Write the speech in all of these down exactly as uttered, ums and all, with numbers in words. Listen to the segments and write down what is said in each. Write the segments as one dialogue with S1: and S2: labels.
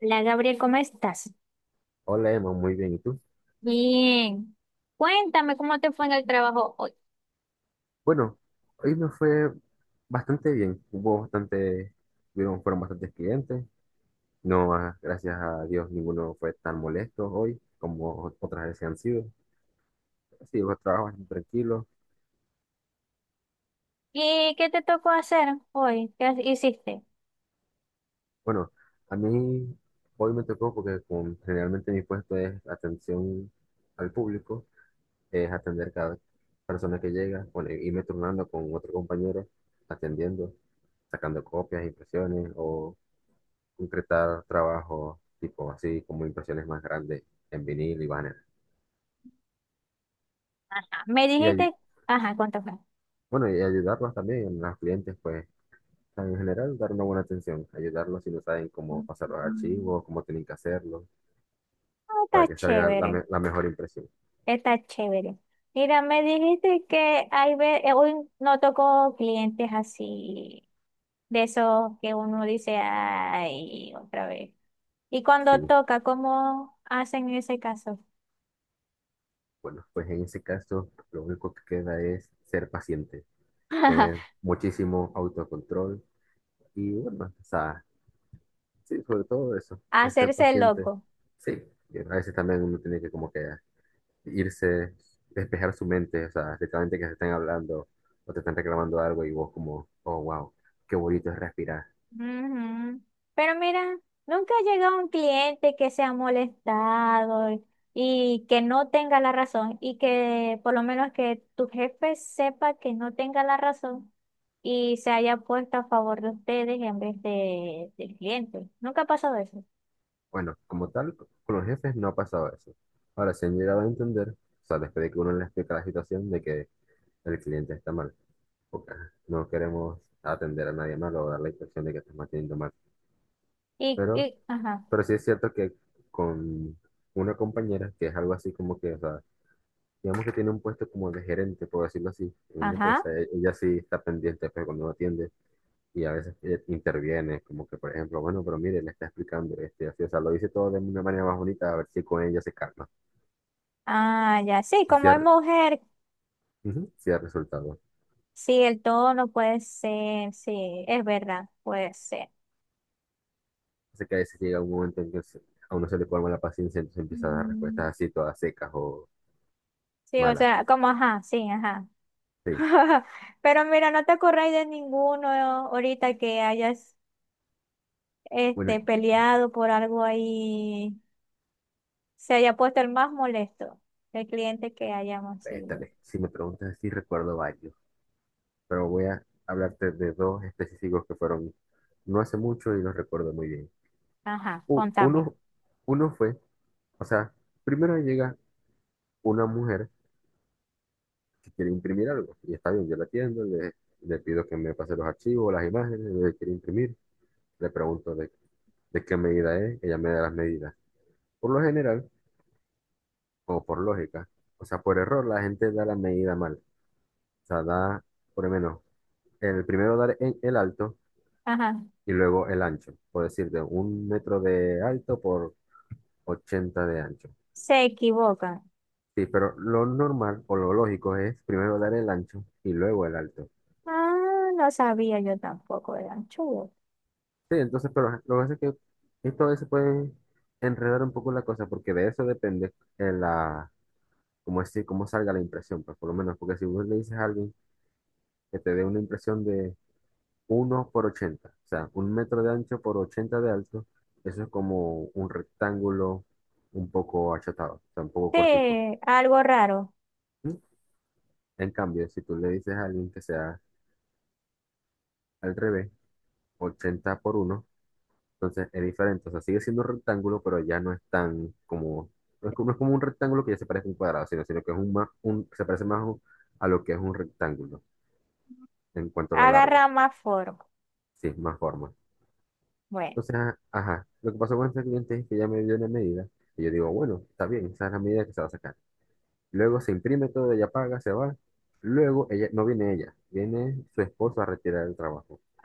S1: Hola Gabriel, ¿cómo estás?
S2: Hola Emma, muy bien. ¿Y tú?
S1: Bien, cuéntame cómo te fue en el trabajo hoy.
S2: Bueno, hoy me fue bastante bien. Hubo bastante, hubieron- fueron bastantes clientes. No, ah, gracias a Dios, ninguno fue tan molesto hoy como otras veces han sido. Sí, los trabajos bastante tranquilos.
S1: ¿Y qué te tocó hacer hoy? ¿Qué has- ¿hiciste?
S2: Bueno, a mí hoy me tocó porque con- generalmente mi puesto es atención al público, es atender cada persona que llega, bueno, irme turnando con otro compañero, atendiendo, sacando copias, impresiones o concretar trabajos tipo así, como impresiones más grandes en vinil y banner.
S1: Ajá. Me
S2: Y, ayu-
S1: dijiste, ajá, ¿cuánto fue?
S2: bueno, y ayudarlos también a los clientes, pues, o sea, en general, dar una buena atención, ayudarlos si no saben cómo pasar los
S1: Mm.
S2: archivos, cómo tienen que hacerlo,
S1: Ah, está
S2: para que salga la,
S1: chévere,
S2: me- la mejor impresión.
S1: está chévere. Mira, me dijiste que hay ve- eh, hoy no tocó clientes así, de esos que uno dice, ay, otra vez. Y cuando
S2: Sí,
S1: toca, ¿cómo hacen en ese caso?
S2: bueno, pues en ese caso, lo único que queda es ser paciente, tener muchísimo autocontrol y, bueno, o sea, sí, sobre todo eso, es ser
S1: Hacerse
S2: paciente.
S1: loco.
S2: Sí, y a veces también uno tiene que como que irse, despejar su mente, o sea, literalmente que se estén hablando o te están reclamando algo y vos como, oh, wow, qué bonito es respirar.
S1: Ujú. Pero mira, nunca ha llegado un cliente que se ha molestado y y que no tenga la razón y que por lo menos que tu jefe sepa que no tenga la razón y se haya puesto a favor de ustedes en vez de, del cliente. Nunca ha pasado eso.
S2: Bueno, como tal, con los jefes no ha pasado eso. Ahora, se han llegado a entender, o sea, después de que uno les explica la situación de que el cliente está mal, porque no queremos atender a nadie mal o dar la impresión de que estamos atendiendo mal.
S1: Y,
S2: Pero,
S1: y, ajá,
S2: pero sí es cierto que con una compañera, que es algo así como que, o sea, digamos que tiene un puesto como de gerente, por decirlo así, en una
S1: ajá.
S2: empresa. E- Ella sí está pendiente, pues cuando no atiende y a veces eh, interviene, como que, por ejemplo, bueno, pero mire, le está explicando, este, así, o sea, lo dice todo de una manera más bonita, a ver si con ella se calma.
S1: Ah, ya, sí,
S2: Y si
S1: como es
S2: ha,
S1: mujer,
S2: ujú, sí ha resultado.
S1: sí, el tono puede ser, sí, es verdad, puede ser.
S2: Así que a veces llega un momento en que se- a uno se le colma la paciencia, entonces empieza a dar respuestas
S1: Mm,
S2: así, todas secas o
S1: sí, o
S2: malas.
S1: sea, como, ajá, sí, ajá.
S2: Sí.
S1: Pero mira, ¿no te acordáis de ninguno? ¿No? Ahorita que hayas
S2: Bueno,
S1: este, peleado por algo ahí, se haya puesto el más molesto, el cliente que hayamos sido.
S2: préstale. Si me preguntas, sí recuerdo varios, pero voy a hablarte de dos específicos que fueron no hace mucho y los recuerdo muy bien.
S1: Ajá,
S2: u-
S1: contame.
S2: uno, uno fue, o sea, primero llega una mujer que quiere imprimir algo, y está bien, yo la atiendo, le, le pido que me pase los archivos, las imágenes, le quiere imprimir, le pregunto de, de qué medida es, ella me da las medidas. Por lo general, o por lógica, o sea, por error, la gente da la medida mal, o sea, da, por lo menos, el primero dar en el alto
S1: Ajá,
S2: y luego el ancho, por decirte, un metro de alto por ochenta de ancho.
S1: se equivocan.
S2: Sí, pero lo normal o lo lógico es primero dar el ancho y luego el alto.
S1: Ah, no sabía yo tampoco, eran chulos.
S2: Sí, entonces, pero ajá, lo que pasa es que esto a veces puede enredar un poco la cosa porque de eso depende eh, la, cómo es, cómo salga la impresión, pues por lo menos, porque si vos le dices a alguien que te dé una impresión de uno por ochenta o sea, un metro de ancho por ochenta de alto, eso es como un rectángulo un poco achatado, o sea, un poco cortico.
S1: Sí, algo raro.
S2: ¿Mm? En cambio, si tú le dices a alguien que sea al revés, ochenta por uno. Entonces es diferente, o sea, sigue siendo un rectángulo, pero ya no es tan como, no es como, no es como un rectángulo que ya se parece a un cuadrado, sino, sino que es un más, un, se parece más un- a lo que es un rectángulo en cuanto a lo largo,
S1: Agarra más forma.
S2: sí, más forma.
S1: Bueno,
S2: Entonces, a- ajá, lo que pasó con este cliente es que ya me dio una medida y yo digo, bueno, está bien, esa es la medida que se va a sacar. Luego se imprime todo, ella paga, se va. Luego ella, no viene ella, viene su esposo a retirar el trabajo.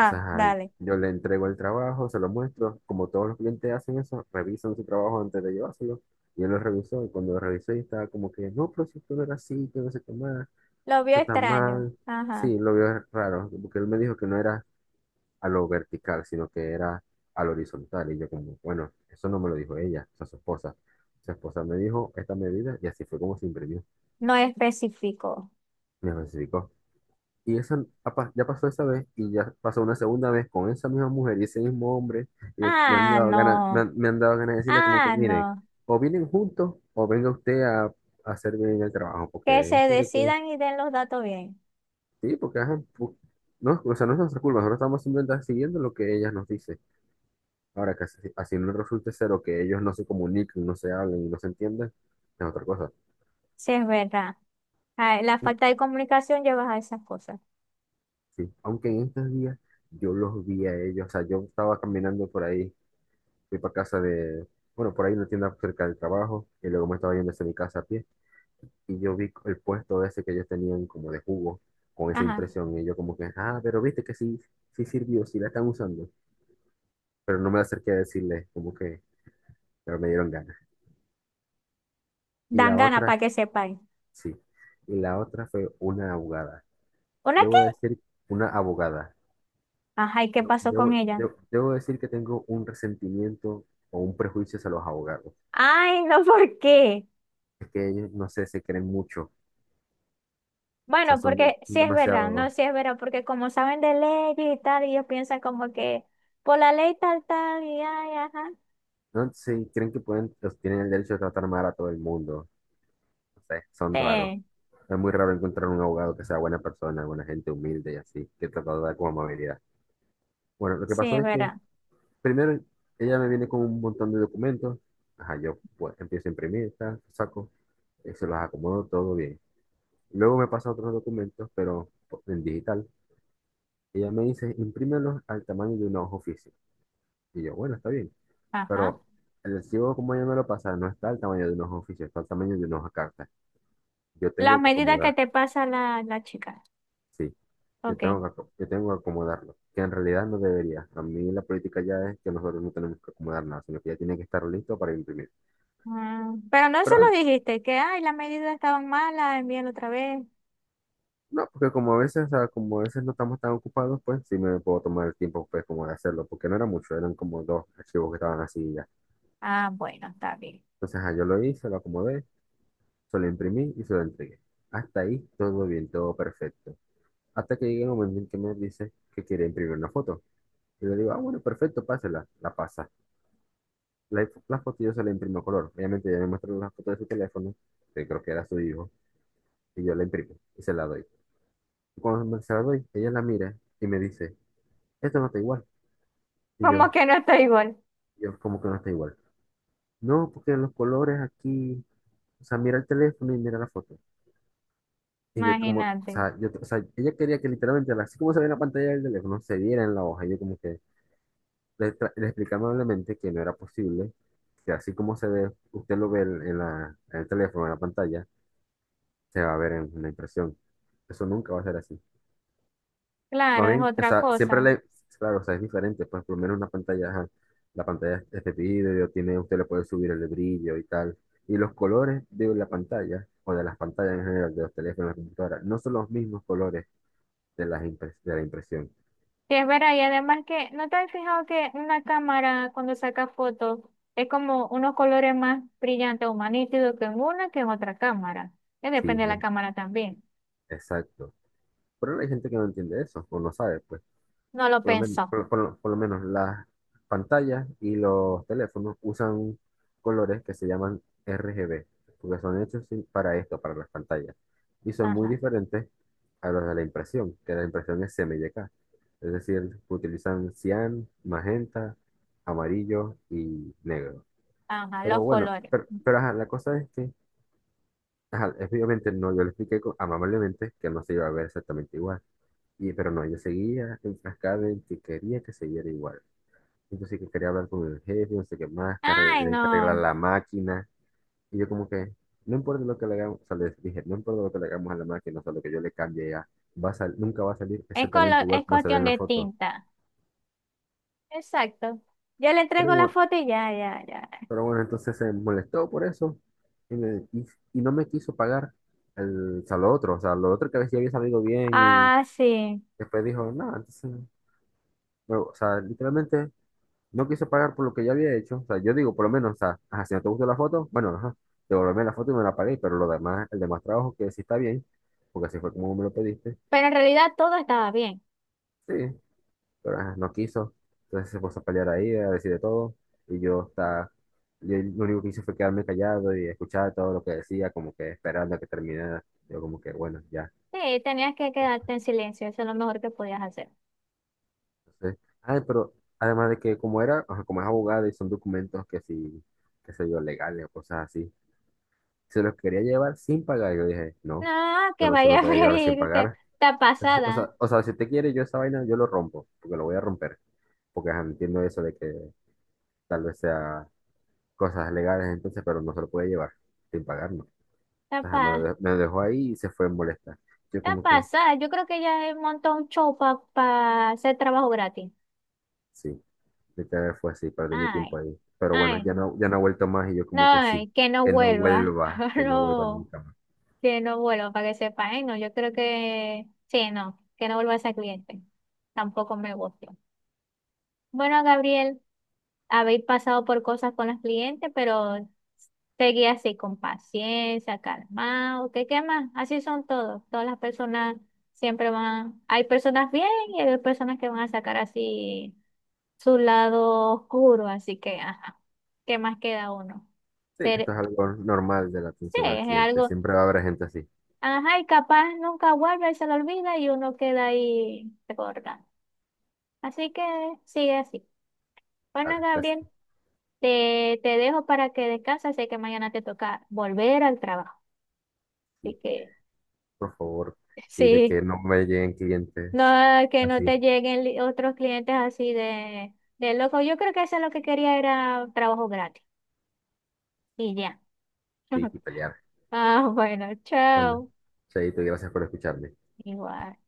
S2: O sea,
S1: dale.
S2: yo le entrego el trabajo, se lo muestro, como todos los clientes hacen eso, revisan su trabajo antes de llevárselo. Y él lo revisó, y cuando lo revisó, y estaba como que, no, pero si esto no era así, que no sé qué más,
S1: Lo vio
S2: esto está
S1: extraño.
S2: mal.
S1: Ajá,
S2: Sí, lo vio raro, porque él me dijo que no era a lo vertical, sino que era a lo horizontal. Y yo como, bueno, eso no me lo dijo ella, o sea, su esposa. Su esposa me dijo esta medida, y así fue como se imprimió,
S1: no especificó.
S2: me especificó. Y esa, apa- ya pasó esa vez y ya pasó una segunda vez con esa misma mujer y ese mismo hombre. Y me han
S1: Ah,
S2: dado ganas, me
S1: no.
S2: han, me han dado ganas de decirle como que,
S1: Ah,
S2: miren,
S1: no.
S2: o vienen juntos o venga usted a, a hacer bien el trabajo.
S1: Que se
S2: Porque es de que,
S1: decidan y den los datos bien.
S2: sí, porque ajá, pu- no, o sea, no es nuestra culpa, nosotros estamos simplemente siguiendo lo que ellas nos dicen. Ahora que así, así no resulte ser o que ellos no se comuniquen, no se hablen y no se entiendan, es otra cosa.
S1: Sí, es verdad. Ah, la falta de comunicación lleva a esas cosas.
S2: Sí, aunque en estos días yo los vi a ellos, o sea, yo estaba caminando por ahí fui para casa de, bueno, por ahí una tienda cerca del trabajo, y luego me estaba yendo hacia mi casa a pie, y yo vi el puesto ese que ellos tenían como de jugo, con esa
S1: Ajá.
S2: impresión, y yo como que, ah, pero viste que sí, sí sirvió, sí la están usando, pero no me acerqué a decirles, como que, pero me dieron ganas. Y
S1: Dan
S2: la
S1: ganas para
S2: otra,
S1: que sepáis.
S2: sí, y la otra fue una abogada,
S1: ¿Una qué?
S2: debo decir, una abogada.
S1: Ajá, ¿y qué pasó con
S2: Debo,
S1: ella?
S2: debo, debo decir que tengo un resentimiento o un prejuicio hacia los abogados.
S1: Ay, no, ¿por qué?
S2: Es que ellos, no sé, se creen mucho. O sea,
S1: Bueno,
S2: son, de-
S1: porque sí
S2: son
S1: es verdad, no,
S2: demasiado.
S1: sí es verdad, porque como saben de leyes y tal, ellos piensan como que por la ley tal, tal, y ay, ajá.
S2: No sé, creen que pueden, los- tienen el derecho de tratar mal a todo el mundo. No sé, son raros.
S1: Sí,
S2: Es muy raro encontrar un abogado que sea buena persona, buena gente humilde y así, que trata de dar como amabilidad. Bueno, lo que
S1: sí
S2: pasó
S1: es
S2: es que
S1: verdad.
S2: primero ella me viene con un montón de documentos. Ajá, yo pues, empiezo a imprimir, tal, saco, eh, se los acomodo todo bien. Luego me pasa otros documentos, pero en digital. Ella me dice, imprímelos al tamaño de una hoja oficial. Y yo, bueno, está bien.
S1: Ajá.
S2: Pero el recibo, como yo me lo pasa, no está al tamaño de unos oficios, está al tamaño de unos cartas. Yo
S1: Las
S2: tengo que
S1: medidas que
S2: acomodar,
S1: te pasa la, la chica.
S2: sí, yo
S1: Ok.
S2: tengo que, aco- yo tengo que acomodarlo, que en realidad no debería. A mí la política ya es que nosotros no tenemos que acomodar nada, sino que ya tiene que estar listo para imprimir.
S1: Mm, pero no se
S2: Pero ah,
S1: lo dijiste, que ay, las medidas estaban malas, envíalo otra vez.
S2: no, porque como a veces, ah, como a veces no estamos tan ocupados, pues sí me puedo tomar el tiempo, pues, como de hacerlo, porque no era mucho, eran como dos archivos que estaban así y ya.
S1: Ah, bueno, está bien.
S2: Entonces, ah, yo lo hice, lo acomodé, se lo imprimí y se lo entregué. Hasta ahí todo bien, todo perfecto. Hasta que llega un momento en que me dice que quiere imprimir una foto. Y le digo, ah, bueno, perfecto, pásela. La pasa. La, la foto yo se la imprimo a color. Obviamente ella me muestra la foto de su teléfono, que creo que era su hijo, y yo la imprimo y se la doy. Y cuando me- se la doy, ella la mira y me dice, esto no está igual. Y
S1: Como
S2: yo,
S1: que no estoy igual,
S2: yo, ¿cómo que no está igual? No, porque los colores aquí, o sea, mira el teléfono y mira la foto. Y yo como, o
S1: imagínate.
S2: sea, yo, o sea, ella quería que literalmente, así como se ve en la pantalla del teléfono, se viera en la hoja. Y yo como que... le, tra- le expliqué amablemente que no era posible, que así como se ve, usted lo ve en, en la, en el teléfono, en la pantalla, se va a ver en la impresión. Eso nunca va a ser así. Más
S1: Claro, es
S2: bien, o
S1: otra
S2: sea, siempre
S1: cosa.
S2: le, claro, o sea, es diferente, pues por lo menos una pantalla, ajá, la pantalla es de vidrio, tiene, usted le puede subir el brillo y tal. Y los colores de la pantalla, o de las pantallas en general, de los teléfonos, de la computadora, no son los mismos colores de, las impres- de la impresión.
S1: Sí, es verdad, y además que, ¿no te has fijado que una cámara cuando saca fotos es como unos colores más brillantes o más nítidos que en una que en otra cámara? Que
S2: Sí,
S1: depende de la
S2: es-
S1: cámara también.
S2: exacto. Pero hay gente que no entiende eso, o no sabe, pues.
S1: No lo
S2: Por lo menos,
S1: pensó.
S2: por, por lo por lo menos las pantallas y los teléfonos usan colores que se llaman R G B, porque son hechos sin- para esto, para las pantallas. Y son muy
S1: Ajá,
S2: diferentes a los de la impresión, que la impresión es C M Y K. Es decir, utilizan cian, magenta, amarillo y negro.
S1: ajá,
S2: Pero
S1: los
S2: bueno,
S1: colores.
S2: pero, pero ajá, la cosa es que, ajá, es- obviamente no, yo le expliqué co- amablemente que no se iba a ver exactamente igual. Y, pero no, yo seguía enfrascado en que quería que se viera igual. Entonces sí que quería hablar con el jefe, no sé qué más, que arregl-
S1: Ay,
S2: tienen que arreglar
S1: no,
S2: la máquina. Y yo como que, no importa lo que le hagamos, o sea, les dije, no importa lo que le hagamos a la máquina, o sea, lo que yo le cambie ya, va a sal- nunca va a salir
S1: es,
S2: exactamente
S1: colo-
S2: igual
S1: es
S2: como se ve
S1: cuestión
S2: en la
S1: de
S2: foto.
S1: tinta. Exacto. Yo le
S2: Pero
S1: entrego la
S2: bueno,
S1: foto y ya, ya, ya.
S2: pero bueno, entonces se molestó por eso y, me- y- y no me quiso pagar el, o sea, lo otro, o sea, lo otro que a veces había salido bien y
S1: Ah, sí.
S2: después dijo, no, entonces, bueno, o sea, literalmente no quise pagar por lo que ya había hecho. O sea, yo digo, por lo menos, o sea, ajá, si no te gustó la foto, bueno, ajá, devolverme la foto y me la pagué, pero lo demás, el demás trabajo que sí está bien, porque así fue como me lo pediste.
S1: Pero en realidad todo estaba bien.
S2: Sí, pero ajá, no quiso. Entonces se puso a pelear ahí, a decir de todo. Y yo, está, yo lo único que hice fue quedarme callado y escuchar todo lo que decía, como que esperando a que terminara. Yo como que, bueno, ya.
S1: Sí, tenías que
S2: pues,
S1: quedarte en silencio, eso es lo mejor que podías hacer.
S2: Entonces, ay, pero además de que como era, ajá, como es abogado y son documentos que sí, qué sé yo, legales o cosas así. Se los quería llevar sin pagar. Yo dije, no,
S1: No,
S2: esto
S1: que
S2: no se
S1: vaya
S2: lo
S1: a
S2: puede llevar sin
S1: freírte.
S2: pagar.
S1: Está
S2: O sea, si- o
S1: pasada,
S2: sea, o sea, si usted quiere, yo esa vaina, yo lo rompo, porque lo voy a romper. Porque ajá, entiendo eso de que tal vez sea cosas legales entonces, pero no se lo puede llevar sin pagar, no.
S1: está,
S2: Ajá, me lo
S1: pa-
S2: de- me lo dejó ahí y se fue molesta. Yo
S1: está
S2: como que,
S1: pasada. Yo creo que ella montó un show para hacer trabajo gratis.
S2: sí, literal fue así, perdí mi tiempo
S1: Ay,
S2: ahí. Pero
S1: ay,
S2: bueno, ya no, ya no ha vuelto más y yo
S1: no,
S2: como que sí,
S1: ay, que no
S2: que no
S1: vuelva.
S2: vuelva, que no vuelva
S1: No,
S2: nunca más.
S1: que no vuelva, para que sepa. Ay, no, yo creo que sí, no, que no vuelva esa cliente. Tampoco me gusta. Bueno, Gabriel, habéis pasado por cosas con los clientes, pero seguí así con paciencia, calmado, ¿qué, ¿qué más? Así son todos. Todas las personas siempre van, hay personas bien y hay personas que van a sacar así su lado oscuro, así que, ajá, ¿qué más queda uno?
S2: Sí,
S1: Ser,
S2: esto es algo normal de la
S1: sí,
S2: atención al
S1: es
S2: cliente.
S1: algo,
S2: Siempre va a haber gente así.
S1: ajá, y capaz nunca vuelve y se lo olvida y uno queda ahí recordando. Así que sigue así. Bueno,
S2: Dale, gracias.
S1: Gabriel. Te, te dejo para que descanses, sé que mañana te toca volver al trabajo. Así que
S2: Por favor, y de que
S1: sí,
S2: no me lleguen
S1: no
S2: clientes
S1: que no
S2: así,
S1: te lleguen li- otros clientes así de, de loco. Yo creo que eso es lo que quería era trabajo gratis. Y ya.
S2: sí, y pelear.
S1: Ah, bueno,
S2: Bueno,
S1: chao.
S2: Chaito, y gracias por escucharme.
S1: Igual.